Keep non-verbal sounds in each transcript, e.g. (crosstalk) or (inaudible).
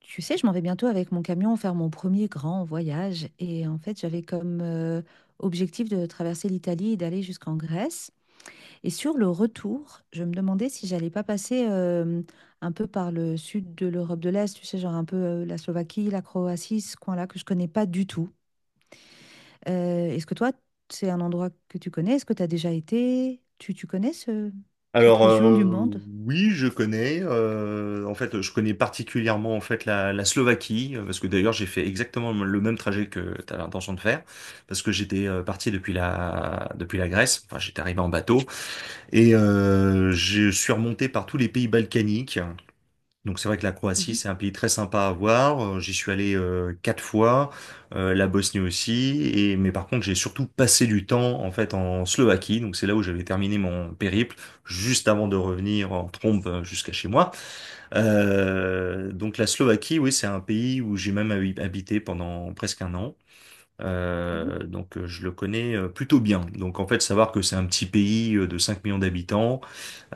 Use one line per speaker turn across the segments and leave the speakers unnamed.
Tu sais, je m'en vais bientôt avec mon camion faire mon premier grand voyage. Et en fait, j'avais comme objectif de traverser l'Italie et d'aller jusqu'en Grèce. Et sur le retour, je me demandais si j'allais pas passer un peu par le sud de l'Europe de l'Est, tu sais, genre un peu la Slovaquie, la Croatie, ce coin-là que je connais pas du tout. Est-ce que toi, c'est un endroit que tu connais? Est-ce que tu as déjà été? Tu connais cette
Alors
région du monde?
oui, je connais. En fait, je connais particulièrement en fait la Slovaquie parce que d'ailleurs j'ai fait exactement le même trajet que tu as l'intention de faire parce que j'étais parti depuis la Grèce. Enfin, j'étais arrivé en bateau et je suis remonté par tous les pays balkaniques. Donc c'est vrai que la Croatie,
Mhm,
c'est un pays très sympa à voir. J'y suis allé quatre fois, la Bosnie aussi. Et mais par contre, j'ai surtout passé du temps en fait en Slovaquie. Donc c'est là où j'avais terminé mon périple, juste avant de revenir en trombe jusqu'à chez moi. Donc la Slovaquie, oui, c'est un pays où j'ai même habité pendant presque un an.
mhm.
Je le connais plutôt bien. Donc en fait, savoir que c'est un petit pays de 5 millions d'habitants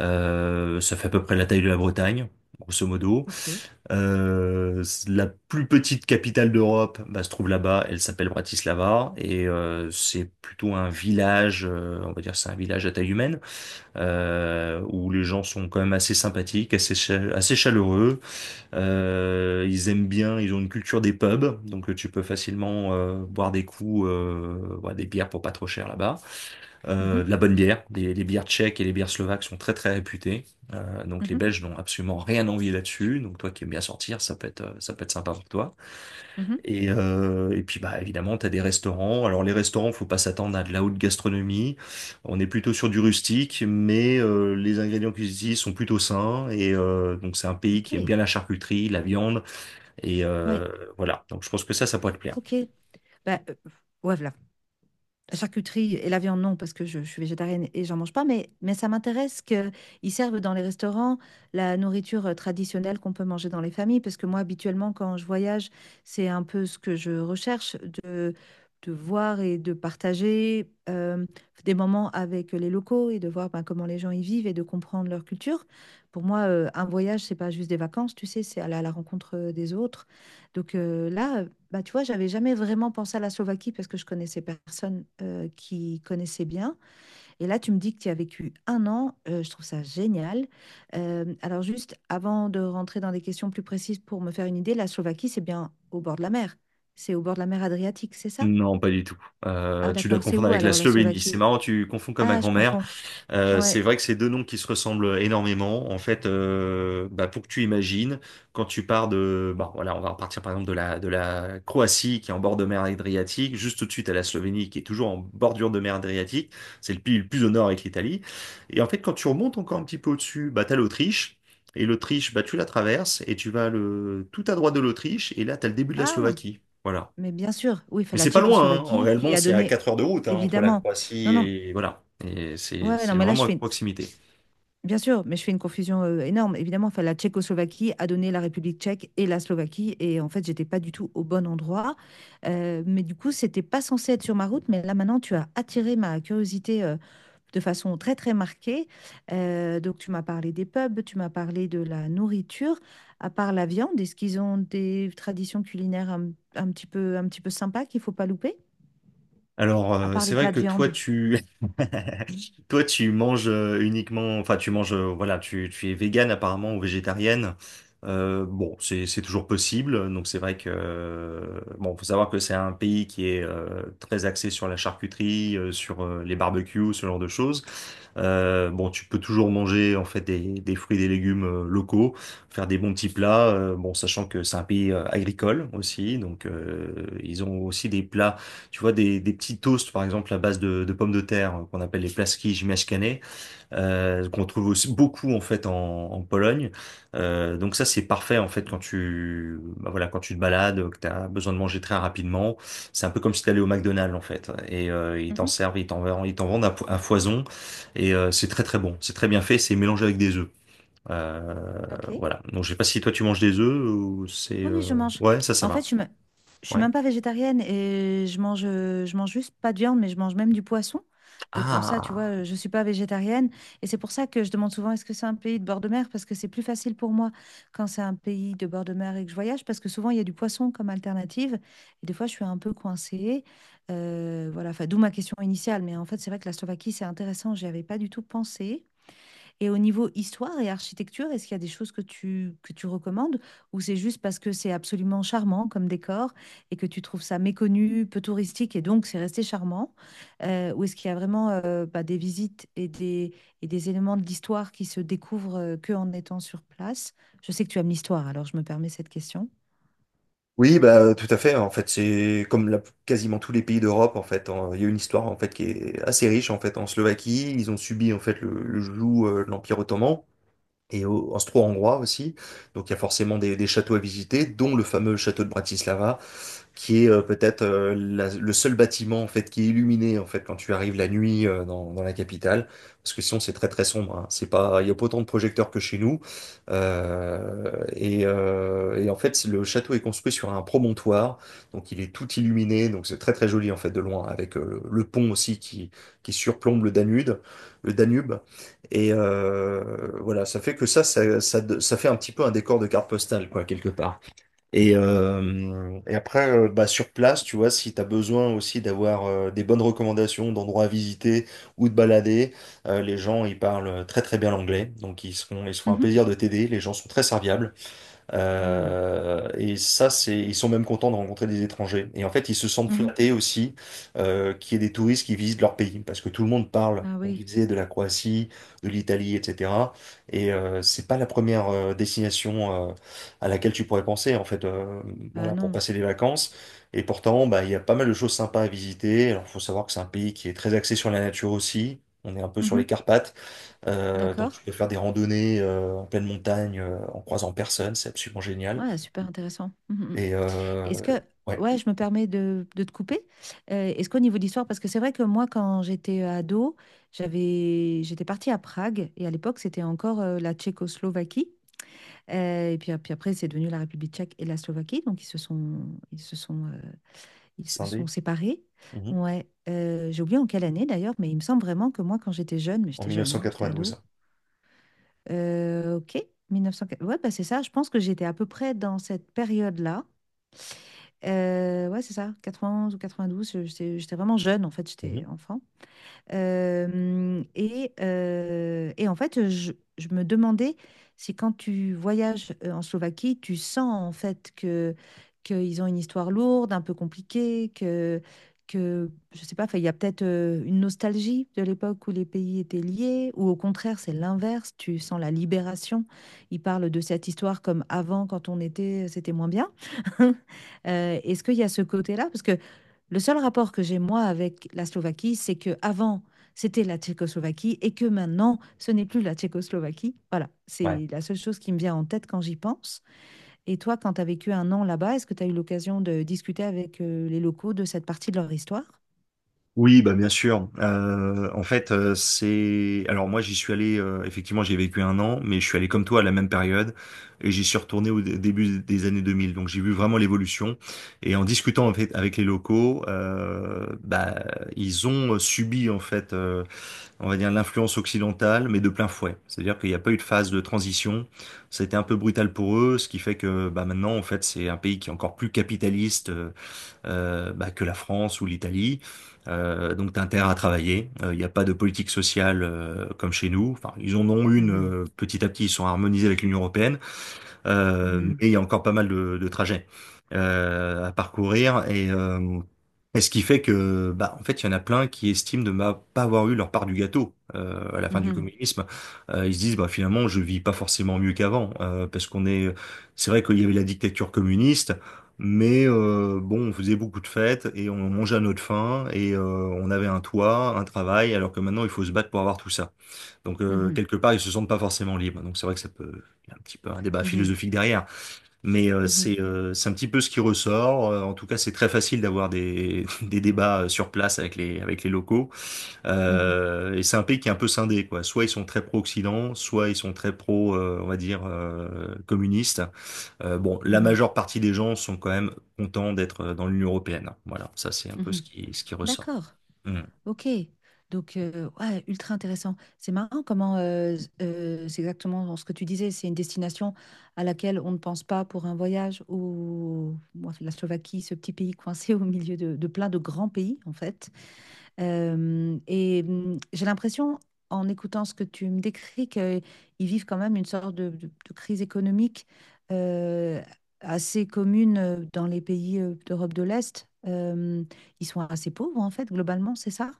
ça fait à peu près la taille de la Bretagne, grosso modo.
Ok.
La plus petite capitale d'Europe se trouve là-bas. Elle s'appelle Bratislava, et c'est plutôt un village, on va dire c'est un village à taille humaine, où les gens sont quand même assez sympathiques, assez, assez chaleureux. Ils aiment bien, ils ont une culture des pubs. Donc tu peux facilement boire des coups, boire des bières pour pas trop cher là-bas.
Mhm,
De la bonne bière. Les bières tchèques et les bières slovaques sont très très réputées. Donc les
mhm,
Belges n'ont absolument rien envie là-dessus. Donc toi qui aimes bien sortir, ça peut être sympa pour toi.
mhm.
Et puis bah évidemment, tu as des restaurants. Alors les restaurants, faut pas s'attendre à de la haute gastronomie. On est plutôt sur du rustique, mais les ingrédients qu'ils utilisent sont plutôt sains. Donc c'est un pays qui aime
Ok.
bien la charcuterie, la viande. Et
Ouais.
euh, voilà. Donc je pense que ça pourrait te plaire.
Ok, bah, ouais, voilà. La charcuterie et la viande, non, parce que je suis végétarienne et j'en mange pas, mais ça m'intéresse qu'ils servent dans les restaurants la nourriture traditionnelle qu'on peut manger dans les familles, parce que moi, habituellement, quand je voyage, c'est un peu ce que je recherche, de, de voir et de partager des moments avec les locaux et de voir ben, comment les gens y vivent et de comprendre leur culture. Pour moi, un voyage, c'est pas juste des vacances, tu sais, c'est aller à la rencontre des autres. Donc là, bah, tu vois, j'avais jamais vraiment pensé à la Slovaquie parce que je connaissais personne qui connaissait bien. Et là, tu me dis que tu y as vécu un an. Je trouve ça génial. Alors juste, avant de rentrer dans des questions plus précises pour me faire une idée, la Slovaquie, c'est bien au bord de la mer. C'est au bord de la mer Adriatique, c'est ça?
Non, pas du tout.
Ah
Tu dois
d'accord, c'est
confondre
où
avec la
alors la
Slovénie. C'est
Slovaquie?
marrant, tu confonds comme ma
Ah, je
grand-mère.
confonds.
Euh,
Ouais.
c'est vrai que c'est deux noms qui se ressemblent énormément. En fait, pour que tu imagines, quand tu pars de, bah, voilà, on va repartir par exemple de la Croatie qui est en bord de mer Adriatique, juste tout de suite à la Slovénie qui est toujours en bordure de mer Adriatique. C'est le pays le plus au nord avec l'Italie. Et en fait, quand tu remontes encore un petit peu au-dessus, bah, t'as l'Autriche. Et l'Autriche, bah, tu la traverses et tu vas le tout à droite de l'Autriche et là, t'as le début de la
Ah,
Slovaquie. Voilà.
mais bien sûr. Oui, fait
Mais
la
c'est pas loin, hein. En
Tchécoslovaquie qui
réellement,
a
c'est à
donné,
4 heures de route, hein, entre la
évidemment.
Croatie
Non, non.
et voilà. Et c'est
Ouais, ouais, non,
c'est
mais là,
vraiment
je
à
fais
proximité.
bien sûr, mais je fais une confusion énorme. Évidemment, enfin, la Tchécoslovaquie a donné la République tchèque et la Slovaquie. Et en fait, j'étais pas du tout au bon endroit. Mais du coup, c'était pas censé être sur ma route. Mais là, maintenant, tu as attiré ma curiosité de façon très, très marquée. Donc, tu m'as parlé des pubs, tu m'as parlé de la nourriture. À part la viande, est-ce qu'ils ont des traditions culinaires un petit peu sympas qu'il faut pas louper? À part
C'est
les
vrai
plats de
que toi,
viande.
(laughs) toi, tu manges uniquement, enfin, tu manges, voilà, tu es végane apparemment ou végétarienne. Bon, c'est toujours possible. Donc, c'est vrai que, bon, faut savoir que c'est un pays qui est très axé sur la charcuterie, sur les barbecues, ce genre de choses. Bon, tu peux toujours manger en fait des fruits, des légumes locaux, faire des bons petits plats. Bon, sachant que c'est un pays agricole aussi, donc ils ont aussi des plats, tu vois, des petits toasts, par exemple, à base de pommes de terre, qu'on appelle les plaski ziemniaczane, qu'on trouve aussi beaucoup, en fait, en Pologne. Donc ça, c'est parfait, en fait, quand tu te balades, que tu as besoin de manger très rapidement. C'est un peu comme si tu allais au McDonald's, en fait. Et ils t'en
Mhm.
servent, ils t'en vendent à foison. Et c'est très, très bon. C'est très bien fait. C'est mélangé avec des œufs. Euh,
Ok.
voilà. Donc, je sais pas si toi, tu manges des œufs ou c'est.
Oui, oui, je mange.
Ouais, ça
Bah, en
va.
fait, je suis
Ouais.
même pas végétarienne et je mange juste pas de viande, mais je mange même du poisson. Donc en ça, tu vois,
Ah!
je ne suis pas végétarienne. Et c'est pour ça que je demande souvent, est-ce que c'est un pays de bord de mer? Parce que c'est plus facile pour moi quand c'est un pays de bord de mer et que je voyage, parce que souvent, il y a du poisson comme alternative. Et des fois, je suis un peu coincée. Voilà, enfin, d'où ma question initiale. Mais en fait, c'est vrai que la Slovaquie, c'est intéressant. J'y avais pas du tout pensé. Et au niveau histoire et architecture, est-ce qu'il y a des choses que tu recommandes ou c'est juste parce que c'est absolument charmant comme décor et que tu trouves ça méconnu, peu touristique et donc c'est resté charmant? Ou est-ce qu'il y a vraiment bah, des visites et des éléments de l'histoire qui se découvrent que en étant sur place? Je sais que tu aimes l'histoire, alors je me permets cette question.
Oui, bah, tout à fait. En fait, c'est comme quasiment tous les pays d'Europe. En fait, hein. Il y a une histoire en fait qui est assez riche. En fait, en Slovaquie, ils ont subi en fait le joug de l'Empire ottoman et austro-hongrois aussi. Donc, il y a forcément des châteaux à visiter, dont le fameux château de Bratislava, qui est peut-être le seul bâtiment en fait qui est illuminé en fait quand tu arrives la nuit dans la capitale parce que sinon c'est très très sombre, hein. c'est pas Il y a pas autant de projecteurs que chez nous. Et en fait le château est construit sur un promontoire, donc il est tout illuminé, donc c'est très très joli en fait de loin avec le pont aussi qui surplombe le Danube. Et voilà, ça fait que ça fait un petit peu un décor de carte postale, quoi, quelque part. Et après, bah, sur place, tu vois, si tu as besoin aussi d'avoir des bonnes recommandations d'endroits à visiter ou de balader, les gens, ils parlent très très bien l'anglais. Donc, ils seront un
Mmh mh.
plaisir de t'aider. Les gens sont très serviables.
Mmh.
Et ça, ils sont même contents de rencontrer des étrangers. Et en fait, ils se sentent
Mmh
flattés aussi qu'il y ait des touristes qui visitent leur pays, parce que tout le monde
mh.
parle,
Ah
comme tu
oui,
disais, de la Croatie, de l'Italie, etc. Et c'est pas la première destination à laquelle tu pourrais penser, en fait,
bah
voilà, pour
non.
passer les vacances. Et pourtant, bah, il y a pas mal de choses sympas à visiter. Alors, faut savoir que c'est un pays qui est très axé sur la nature aussi. On est un peu sur
Mmh
les
mh.
Carpates. Donc
D'accord.
tu peux faire des randonnées en pleine montagne en croisant personne, c'est absolument génial.
Ouais, super intéressant. Mmh mh.
Et
Est-ce que,
ouais,
ouais, je me permets de te couper. Est-ce qu'au niveau d'histoire, parce que c'est vrai que moi, quand j'étais ado, j'étais partie à Prague et à l'époque, c'était encore la Tchécoslovaquie. Et puis après, c'est devenu la République tchèque et la Slovaquie. Donc, ils se sont, euh, ils se sont
scindé,
séparés.
mhm,
Ouais. J'ai oublié en quelle année d'ailleurs, mais il me semble vraiment que moi, quand j'étais jeune, mais
en
j'étais jeune, hein, j'étais ado.
1992.
Ok, 1904. Ouais, bah, c'est ça. Je pense que j'étais à peu près dans cette période-là. Ouais, c'est ça, 91 ou 92. J'étais vraiment jeune, en fait,
Mhm.
j'étais enfant. Et en fait, je me demandais si quand tu voyages en Slovaquie, tu sens en fait que qu'ils ont une histoire lourde, un peu compliquée, que je sais pas, 'fin, il y a peut-être une nostalgie de l'époque où les pays étaient liés, ou au contraire, c'est l'inverse, tu sens la libération. Ils parlent de cette histoire comme avant, quand on était, c'était moins bien. (laughs) Est-ce qu'il y a ce côté-là? Parce que le seul rapport que j'ai moi avec la Slovaquie, c'est que avant c'était la Tchécoslovaquie et que maintenant ce n'est plus la Tchécoslovaquie. Voilà,
Ouais.
c'est la seule chose qui me vient en tête quand j'y pense. Et toi, quand tu as vécu un an là-bas, est-ce que tu as eu l'occasion de discuter avec les locaux de cette partie de leur histoire?
Oui, bah bien sûr. En fait, c'est. Alors moi, j'y suis allé. Effectivement, j'ai vécu un an, mais je suis allé comme toi à la même période, et j'y suis retourné au début des années 2000. Donc j'ai vu vraiment l'évolution. Et en discutant en fait avec les locaux, bah ils ont subi en fait, on va dire, l'influence occidentale, mais de plein fouet. C'est-à-dire qu'il n'y a pas eu de phase de transition. Ça a été un peu brutal pour eux, ce qui fait que bah, maintenant, en fait, c'est un pays qui est encore plus capitaliste, bah, que la France ou l'Italie. T'as intérêt à travailler. Il n'y a pas de politique sociale comme chez nous. Enfin, ils en ont une,
Mhm,
petit à petit, ils sont harmonisés avec l'Union européenne. Mais
mhm,
il y a encore pas mal de trajets à parcourir. Et ce qui fait que, bah, en fait, il y en a plein qui estiment de ne pas avoir eu leur part du gâteau à la fin du
mhm,
communisme. Ils se disent, bah, finalement, je vis pas forcément mieux qu'avant, parce c'est vrai qu'il y avait la dictature communiste. Mais bon, on faisait beaucoup de fêtes et on mangeait à notre faim, et on avait un toit, un travail, alors que maintenant il faut se battre pour avoir tout ça. Donc
mhm,
quelque part, ils se sentent pas forcément libres. Donc c'est vrai que il y a un petit peu un débat philosophique derrière, mais
mhm,
c'est un petit peu ce qui ressort. En tout cas, c'est très facile d'avoir des (laughs) des débats sur place avec les locaux.
mhm, mhm,
Et c'est un pays qui est un peu scindé, quoi. Soit ils sont très pro-Occident, soit ils sont très pro, on va dire, communistes. Bon, la
mhm,
majeure partie des gens sont quand même contents d'être dans l'Union européenne. Voilà, ça c'est un peu
mhm.
ce qui ressort.
D'accord.
Mm.
Ok, donc ouais, ultra intéressant. C'est marrant comment c'est exactement ce que tu disais, c'est une destination à laquelle on ne pense pas pour un voyage ou moi, la Slovaquie, ce petit pays coincé au milieu de plein de grands pays en fait. J'ai l'impression, en écoutant ce que tu me décris, qu'ils vivent quand même une sorte de crise économique euh, assez commune dans les pays d'Europe de l'Est. Ils sont assez pauvres en fait, globalement, c'est ça?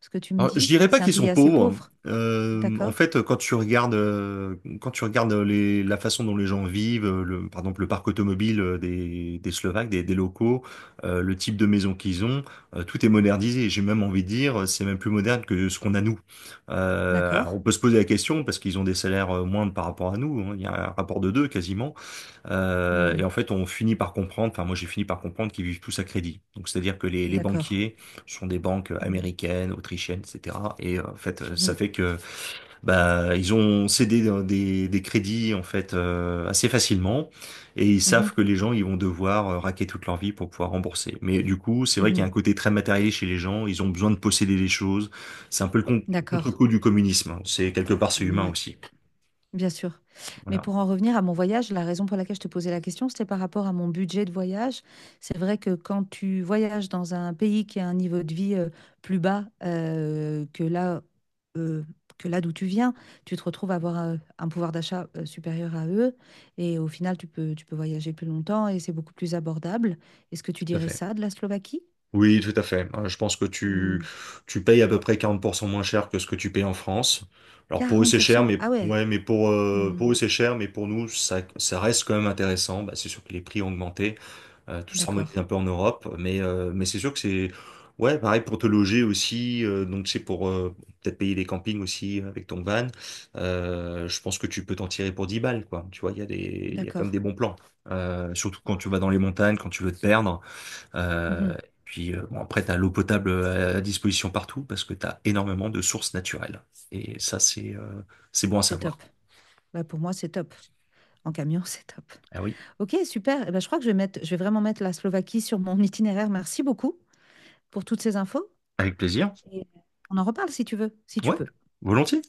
Ce que tu me
Alors, je
dis.
dirais pas
C'est un
qu'ils
pays
sont
assez
pauvres.
pauvre.
En
D'accord?
fait, quand tu regardes la façon dont les gens vivent, par exemple le parc automobile des Slovaques, des locaux, le type de maison qu'ils ont, tout est modernisé. J'ai même envie de dire, c'est même plus moderne que ce qu'on a nous. Euh,
D'accord?
alors on peut se poser la question parce qu'ils ont des salaires moindres par rapport à nous, hein. Il y a un rapport de deux quasiment. Euh,
Hmm,
et en fait, on finit par comprendre, enfin moi j'ai fini par comprendre qu'ils vivent tous à crédit. Donc c'est-à-dire que les
d'accord.
banquiers sont des banques
Hmm,
américaines, autrichiennes, etc. Et en fait, ça
mhm,
fait que bah ils ont cédé des crédits en fait assez facilement, et ils savent
mhm,
que les gens ils vont devoir raquer toute leur vie pour pouvoir rembourser. Mais du coup, c'est vrai qu'il y
mhm.
a un côté très matériel chez les gens. Ils ont besoin de posséder des choses. C'est un peu le
D'accord.
contre-coup du communisme. C'est quelque part c'est humain
Ouais.
aussi.
Bien sûr. Mais
Voilà.
pour en revenir à mon voyage, la raison pour laquelle je te posais la question, c'était par rapport à mon budget de voyage. C'est vrai que quand tu voyages dans un pays qui a un niveau de vie plus bas euh, que là d'où tu viens, tu te retrouves à avoir un pouvoir d'achat supérieur à eux. Et au final, tu peux voyager plus longtemps et c'est beaucoup plus abordable. Est-ce que tu
Tout à
dirais
fait.
ça de la Slovaquie?
Oui, tout à fait. Je pense que tu,
Hmm.
tu payes à peu près 40% moins cher que ce que tu payes en France. Alors pour eux
quarante
c'est
pour
cher,
cent
mais
Ah ouais.
ouais, mais
Hmm.
pour eux c'est cher, mais pour nous ça reste quand même intéressant. Bah, c'est sûr que les prix ont augmenté, tout s'harmonise
D'accord.
un peu en Europe, mais c'est sûr que c'est, ouais, pareil pour te loger aussi. Donc c'est pour peut-être payer des campings aussi avec ton van. Je pense que tu peux t'en tirer pour 10 balles, quoi. Tu vois, il y a quand même
D'accord.
des bons plans. Surtout quand tu vas dans les montagnes, quand tu veux te perdre. Euh,
Mhm.
Puis bon, après, tu as l'eau potable à disposition partout parce que tu as énormément de sources naturelles. Et ça, c'est bon à
C'est
savoir.
top. Bah, pour moi, c'est top. En camion, (laughs) c'est top.
Ah oui,
Ok, super. Eh ben, je crois que je vais vraiment mettre la Slovaquie sur mon (laughs) itinéraire. Merci beaucoup pour toutes ces infos.
avec plaisir.
Et on en reparle si tu veux, si tu
Ouais,
peux.
volontiers.